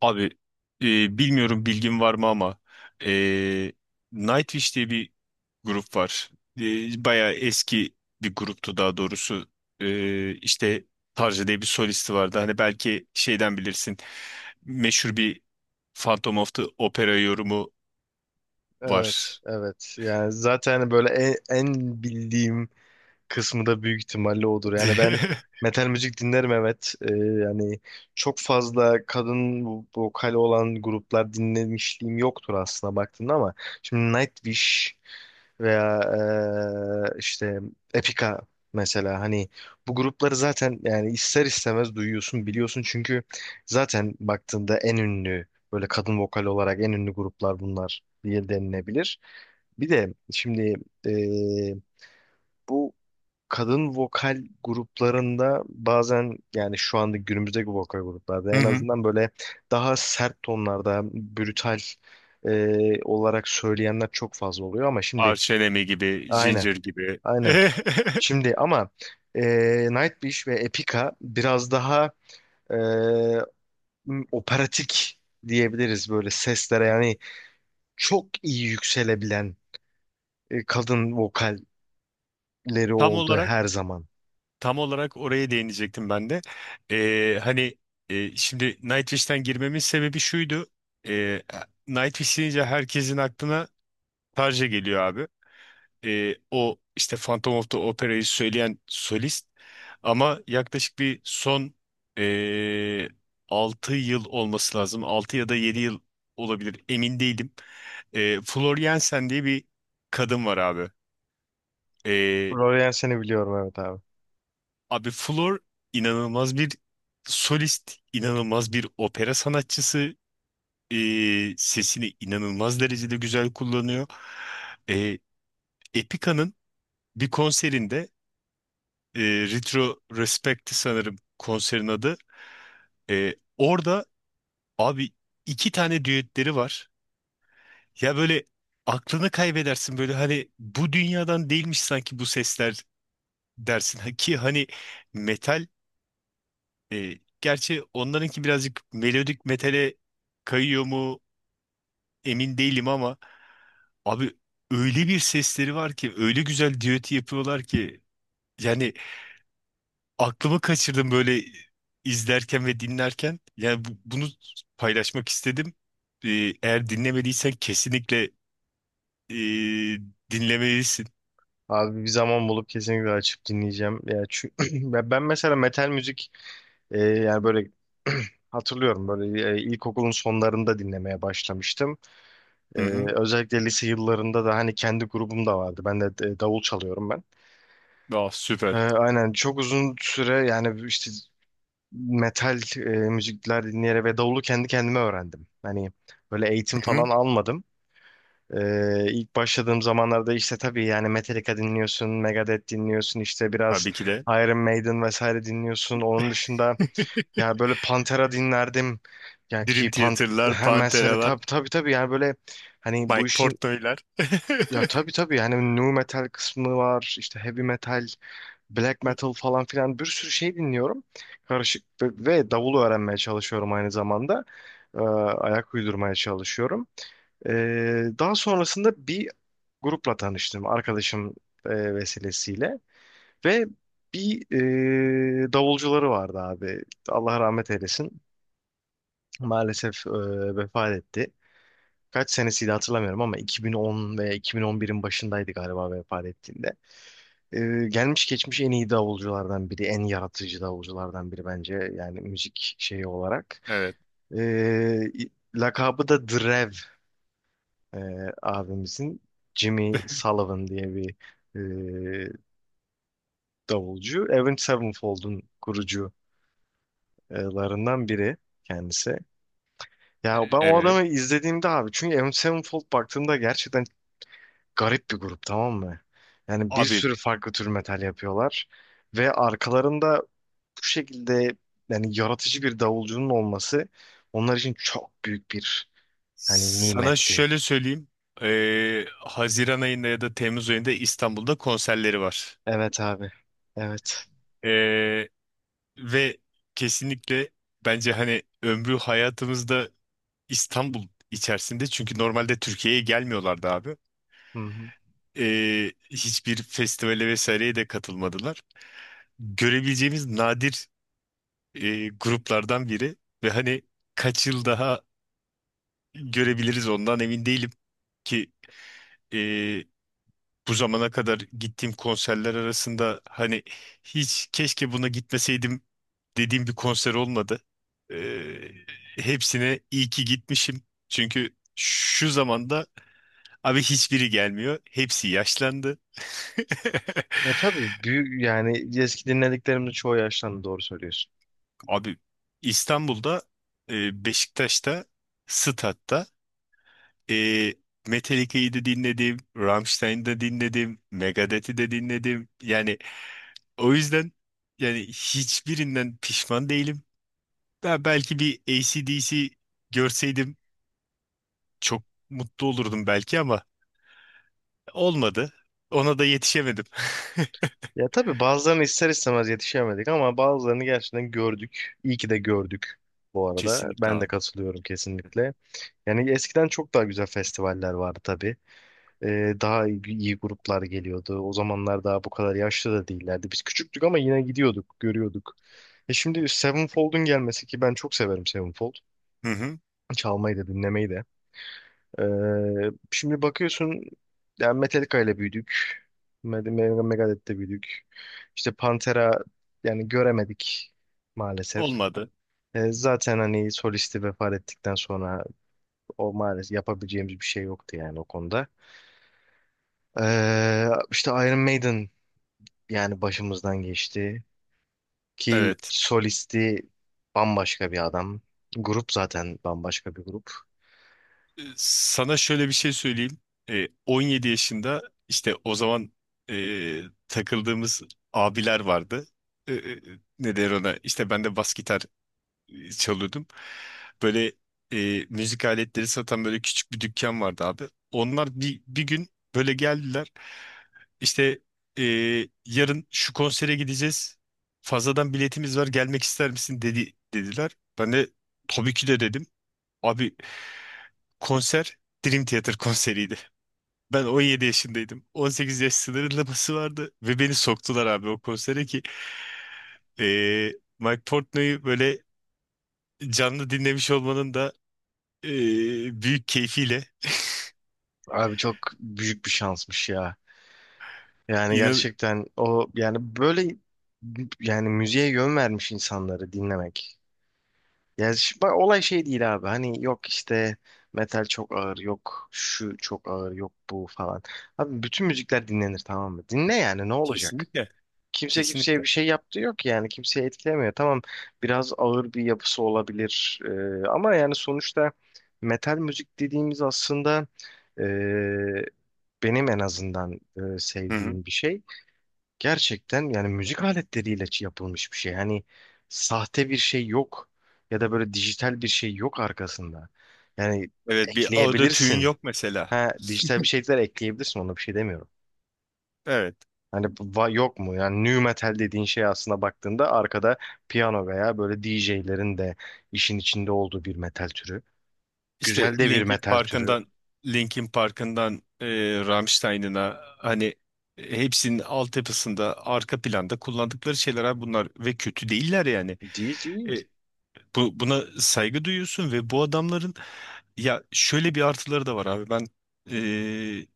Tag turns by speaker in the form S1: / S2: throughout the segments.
S1: Abi, bilmiyorum bilgin var mı ama e, Nightwish diye bir grup var. Bayağı eski bir gruptu daha doğrusu. İşte Tarja diye bir solisti vardı. Hani belki şeyden bilirsin. Meşhur bir Phantom of the Opera yorumu
S2: Evet,
S1: var.
S2: evet. Yani zaten hani böyle en bildiğim kısmı da büyük ihtimalle odur. Yani ben metal müzik dinlerim evet. Yani çok fazla kadın vokali olan gruplar dinlemişliğim yoktur aslında baktığında ama şimdi Nightwish veya işte Epica mesela hani bu grupları zaten yani ister istemez duyuyorsun biliyorsun çünkü zaten baktığında en ünlü böyle kadın vokal olarak en ünlü gruplar bunlar diye denilebilir. Bir de şimdi eee, bu kadın vokal gruplarında bazen yani şu anda günümüzdeki vokal gruplarda
S1: Hı
S2: en
S1: hı.
S2: azından böyle daha sert tonlarda brutal olarak söyleyenler çok fazla oluyor ama şimdi
S1: Arch Enemy gibi,
S2: aynen.
S1: Ginger gibi.
S2: Aynen. Şimdi ama e, Nightwish ve Epica biraz daha e, operatik diyebiliriz böyle seslere. Yani çok iyi yükselebilen kadın vokalleri
S1: Tam
S2: oldu
S1: olarak
S2: her zaman.
S1: Tam olarak oraya değinecektim ben de. Hani, şimdi Nightwish'ten girmemin sebebi şuydu. Ee, Nightwish deyince herkesin aklına Tarja geliyor abi. O işte Phantom of the Opera'yı söyleyen solist. Ama yaklaşık bir son e, 6 yıl olması lazım. 6 ya da 7 yıl olabilir, emin değilim. Flor Jensen diye bir kadın var abi.
S2: Florian seni biliyorum evet abi.
S1: Abi, Flor inanılmaz bir solist, inanılmaz bir opera sanatçısı. Sesini inanılmaz derecede güzel kullanıyor. Ee, Epica'nın bir konserinde, e, Retro Respect sanırım konserin adı. Orada abi iki tane düetleri var. Ya böyle aklını kaybedersin, böyle hani bu dünyadan değilmiş sanki bu sesler dersin. Ha, ki hani metal. Gerçi onlarınki birazcık melodik metale kayıyor mu emin değilim ama abi öyle bir sesleri var ki, öyle güzel düeti yapıyorlar ki yani aklımı kaçırdım böyle izlerken ve dinlerken. Yani bunu paylaşmak istedim. E, Eğer dinlemediysen kesinlikle e, dinlemelisin.
S2: Abi bir zaman bulup kesinlikle açıp dinleyeceğim. Ya ya ben mesela metal müzik yani böyle hatırlıyorum böyle ilkokulun sonlarında dinlemeye başlamıştım. E,
S1: Hı hı.
S2: Özellikle lise yıllarında da hani kendi grubum da vardı. Ben de davul çalıyorum ben.
S1: Ah, süper.
S2: Aynen, çok uzun süre yani işte metal müzikler dinleyerek ve davulu kendi kendime öğrendim. Hani böyle eğitim
S1: Hı hı.
S2: falan almadım. İlk başladığım zamanlarda işte tabii yani Metallica dinliyorsun, Megadeth dinliyorsun, işte biraz
S1: Tabii ki de.
S2: Iron Maiden vesaire dinliyorsun. Onun dışında ya böyle Pantera dinlerdim. Ya
S1: Dream
S2: ki Pan
S1: Theater'lar,
S2: ha, mesela
S1: Pantera'lar,
S2: tabii tabii tabii yani böyle hani bu
S1: Mike
S2: işin
S1: Portnoy'lar.
S2: ya tabii tabii hani nu metal kısmı var, işte heavy metal, black metal falan filan bir sürü şey dinliyorum. Karışık ve davul öğrenmeye çalışıyorum, aynı zamanda ayak uydurmaya çalışıyorum. E, Daha sonrasında bir grupla tanıştım arkadaşım vesilesiyle ve bir davulcuları vardı abi. Allah rahmet eylesin. Maalesef vefat etti. Kaç senesiydi hatırlamıyorum ama 2010 veya 2011'in başındaydı galiba vefat ettiğinde. E, Gelmiş geçmiş en iyi davulculardan biri, en yaratıcı davulculardan biri bence yani müzik şeyi olarak.
S1: Evet.
S2: E, Lakabı da Drev e, abimizin, Jimmy Sullivan diye bir e, davulcu. Avenged Sevenfold'un kurucularından biri kendisi. Ya ben o
S1: Evet.
S2: adamı izlediğimde abi, çünkü Avenged Sevenfold baktığımda gerçekten garip bir grup, tamam mı? Yani bir
S1: Abi,
S2: sürü farklı tür metal yapıyorlar ve arkalarında bu şekilde yani yaratıcı bir davulcunun olması onlar için çok büyük bir hani
S1: sana
S2: nimetti.
S1: şöyle söyleyeyim. Haziran ayında ya da Temmuz ayında İstanbul'da konserleri var.
S2: Evet abi. Evet.
S1: Ee, Ve kesinlikle bence hani ömrü hayatımızda İstanbul içerisinde, çünkü normalde Türkiye'ye gelmiyorlardı abi.
S2: Hı hı.
S1: Hiçbir festivale vesaireye de katılmadılar. Görebileceğimiz nadir gruplardan biri ve hani kaç yıl daha görebiliriz ondan emin değilim ki bu zamana kadar gittiğim konserler arasında hani hiç keşke buna gitmeseydim dediğim bir konser olmadı. Ee, Hepsine iyi ki gitmişim. Çünkü şu zamanda abi hiçbiri gelmiyor. Hepsi yaşlandı.
S2: Ya tabii büyük, yani eski dinlediklerimde çoğu yaşlandı, doğru söylüyorsun.
S1: Abi, İstanbul'da, Beşiktaş'ta, Stad'da, e, Metallica'yı da dinledim, Rammstein'i de dinledim, Megadeth'i de dinledim. Yani o yüzden, yani hiçbirinden pişman değilim. Ben belki bir AC/DC görseydim çok mutlu olurdum belki ama olmadı. Ona da yetişemedim.
S2: Ya tabii bazılarını ister istemez yetişemedik ama bazılarını gerçekten gördük. İyi ki de gördük bu arada.
S1: Kesinlikle
S2: Ben de
S1: abi.
S2: katılıyorum kesinlikle. Yani eskiden çok daha güzel festivaller vardı tabii. Daha iyi gruplar geliyordu. O zamanlar daha bu kadar yaşlı da değillerdi. Biz küçüktük ama yine gidiyorduk, görüyorduk. E şimdi Sevenfold'un gelmesi, ki ben çok severim Sevenfold.
S1: Hı hı.
S2: Çalmayı da dinlemeyi de. Şimdi bakıyorsun yani Metallica ile büyüdük. Megadeth'te büyüdük. İşte Pantera yani göremedik maalesef.
S1: Olmadı.
S2: Zaten hani solisti vefat ettikten sonra o maalesef yapabileceğimiz bir şey yoktu yani o konuda. İşte Iron Maiden yani başımızdan geçti. Ki
S1: Evet.
S2: solisti bambaşka bir adam. Grup zaten bambaşka bir grup.
S1: Sana şöyle bir şey söyleyeyim. 17 yaşında, işte o zaman ee, takıldığımız abiler vardı. Ee, e, Ne der ona? İşte ben de bas gitar çalıyordum. Böyle müzik aletleri satan böyle küçük bir dükkan vardı abi. Onlar bir gün böyle geldiler. İşte, e, yarın şu konsere gideceğiz. Fazladan biletimiz var. Gelmek ister misin dediler. Ben de tabii ki de dedim. Abi, konser Dream Theater konseriydi. Ben 17 yaşındaydım. 18 yaş sınırlaması vardı ve beni soktular abi o konsere ki Mike Portnoy'u böyle canlı dinlemiş olmanın da büyük keyfiyle,
S2: Abi çok büyük bir şansmış ya. Yani
S1: inan,
S2: gerçekten o yani böyle yani müziğe yön vermiş insanları dinlemek. Yani bak olay şey değil abi. Hani yok işte metal çok ağır, yok şu çok ağır, yok bu falan. Abi bütün müzikler dinlenir, tamam mı? Dinle yani ne olacak?
S1: kesinlikle
S2: Kimse kimseye bir
S1: kesinlikle.
S2: şey yaptığı yok yani kimseye etkilemiyor. Tamam, biraz ağır bir yapısı olabilir ama yani sonuçta metal müzik dediğimiz aslında e, benim en azından
S1: Hı hı.
S2: sevdiğim bir şey. Gerçekten yani müzik aletleriyle yapılmış bir şey. Hani sahte bir şey yok ya da böyle dijital bir şey yok arkasında. Yani
S1: Evet, bir autotune
S2: ekleyebilirsin.
S1: yok mesela.
S2: Ha, dijital bir şeyler ekleyebilirsin, ona bir şey demiyorum.
S1: Evet.
S2: Hani yok mu? Yani nu metal dediğin şey aslında baktığında arkada piyano veya böyle D J'lerin de işin içinde olduğu bir metal türü.
S1: İşte
S2: Güzel de bir
S1: Linkin
S2: metal türü.
S1: Park'ından Linkin Park'ından Rammstein'ına hani hepsinin altyapısında arka planda kullandıkları şeyler abi bunlar, ve kötü değiller yani.
S2: Değil değil.
S1: Buna saygı duyuyorsun ve bu adamların, ya, şöyle bir artıları da var abi. Ben eee,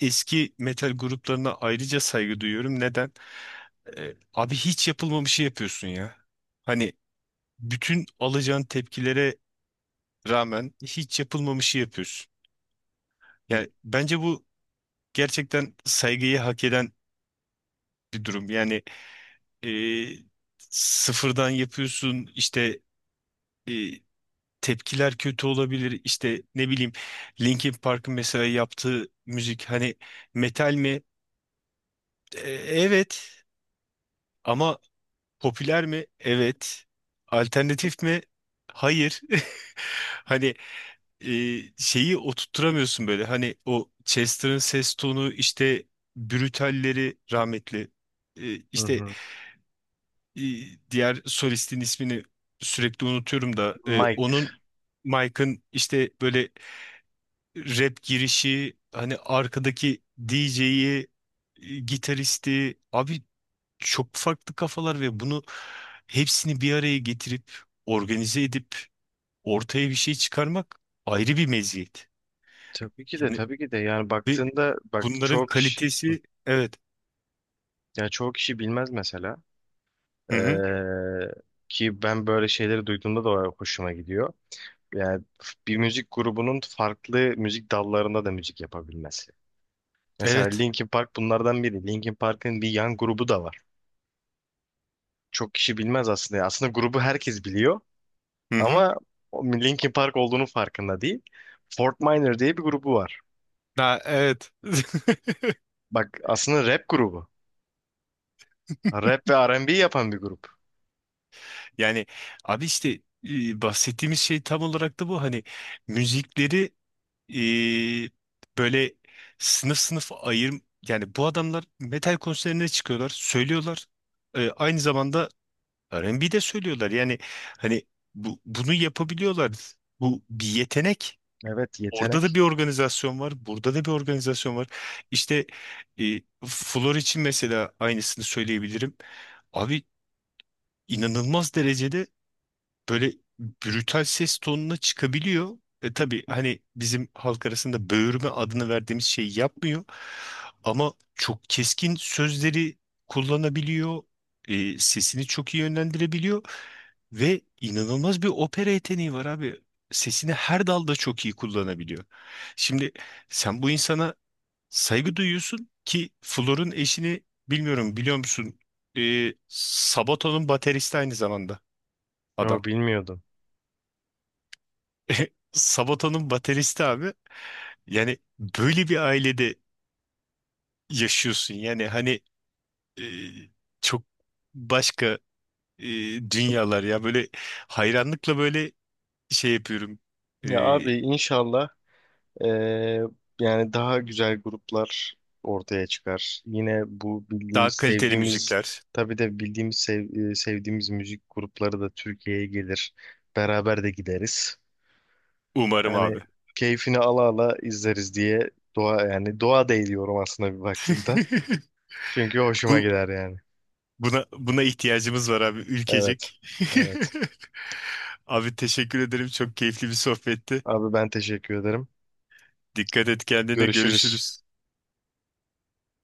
S1: eski metal gruplarına ayrıca saygı duyuyorum. Neden? Abi hiç yapılmamışı şey yapıyorsun ya. Hani bütün alacağın tepkilere rağmen hiç yapılmamışı şey yapıyorsun. Yani bence bu gerçekten saygıyı hak eden bir durum. Yani eee, sıfırdan yapıyorsun, işte tepkiler kötü olabilir. İşte, ne bileyim, Linkin Park'ın mesela yaptığı müzik hani metal mi? Evet, ama popüler mi? Evet. Alternatif mi? Hayır. Hani şeyi oturtturamıyorsun böyle. Hani o Chester'ın ses tonu, işte Brutal'leri, rahmetli.
S2: Hı
S1: İşte
S2: hı.
S1: e, diğer solistin ismini sürekli unutuyorum da
S2: Mike.
S1: onun, Mike'ın işte böyle rap girişi, hani arkadaki DJ'yi, gitaristi, abi çok farklı kafalar ve bunu hepsini bir araya getirip organize edip ortaya bir şey çıkarmak ayrı bir meziyet.
S2: Tabii ki de,
S1: Yani
S2: tabii ki de yani
S1: ve
S2: baktığında bak
S1: bunların
S2: çoğu kişi,
S1: kalitesi, evet.
S2: ya çoğu kişi bilmez mesela.
S1: Hı
S2: Ee,
S1: hı.
S2: Ki ben böyle şeyleri duyduğumda da hoşuma gidiyor. Yani bir müzik grubunun farklı müzik dallarında da müzik yapabilmesi. Mesela
S1: Evet.
S2: Linkin Park bunlardan biri. Linkin Park'ın bir yan grubu da var, çok kişi bilmez aslında ya. Aslında grubu herkes biliyor
S1: Hı hı.
S2: ama o Linkin Park olduğunu farkında değil. Fort Minor diye bir grubu var.
S1: Ha, evet.
S2: Bak aslında rap grubu. Rap ve R&B yapan bir grup.
S1: Yani abi, işte, bahsettiğimiz şey tam olarak da bu, hani müzikleri eee, böyle sınıf sınıf ayır, yani bu adamlar metal konserine çıkıyorlar, söylüyorlar. Aynı zamanda R&B de söylüyorlar. Yani hani bunu yapabiliyorlar. Bu bir yetenek.
S2: Evet,
S1: Orada da
S2: yetenek.
S1: bir organizasyon var, burada da bir organizasyon var. İşte Flor için mesela aynısını söyleyebilirim. Abi, inanılmaz derecede böyle brutal ses tonuna çıkabiliyor. Tabii hani bizim halk arasında böğürme adını verdiğimiz şeyi yapmıyor. Ama çok keskin sözleri kullanabiliyor. Sesini çok iyi yönlendirebiliyor. Ve inanılmaz bir opera yeteneği var abi. Sesini her dalda çok iyi kullanabiliyor. Şimdi sen bu insana saygı duyuyorsun ki Flor'un eşini bilmiyorum biliyor musun? Sabata'nın bateristi aynı zamanda adam.
S2: Yo, bilmiyordum.
S1: Sabaton'un bateristi abi. Yani böyle bir ailede yaşıyorsun. Yani hani e, çok başka e, dünyalar ya. Böyle hayranlıkla böyle şey yapıyorum. E,
S2: Ya abi inşallah eee, yani daha güzel gruplar ortaya çıkar. Yine bu bildiğimiz,
S1: Daha kaliteli
S2: sevdiğimiz
S1: müzikler.
S2: tabii de bildiğimiz, sevdiğimiz müzik grupları da Türkiye'ye gelir. Beraber de gideriz.
S1: Umarım
S2: Yani
S1: abi.
S2: keyfini ala ala izleriz diye dua, yani dua da ediyorum aslında bir baktığımda. Çünkü hoşuma
S1: Bu
S2: gider yani.
S1: buna buna ihtiyacımız var abi,
S2: Evet.
S1: ülkecek.
S2: Evet.
S1: Abi, teşekkür ederim. Çok keyifli bir sohbetti.
S2: Abi ben teşekkür ederim.
S1: Dikkat et kendine.
S2: Görüşürüz.
S1: Görüşürüz.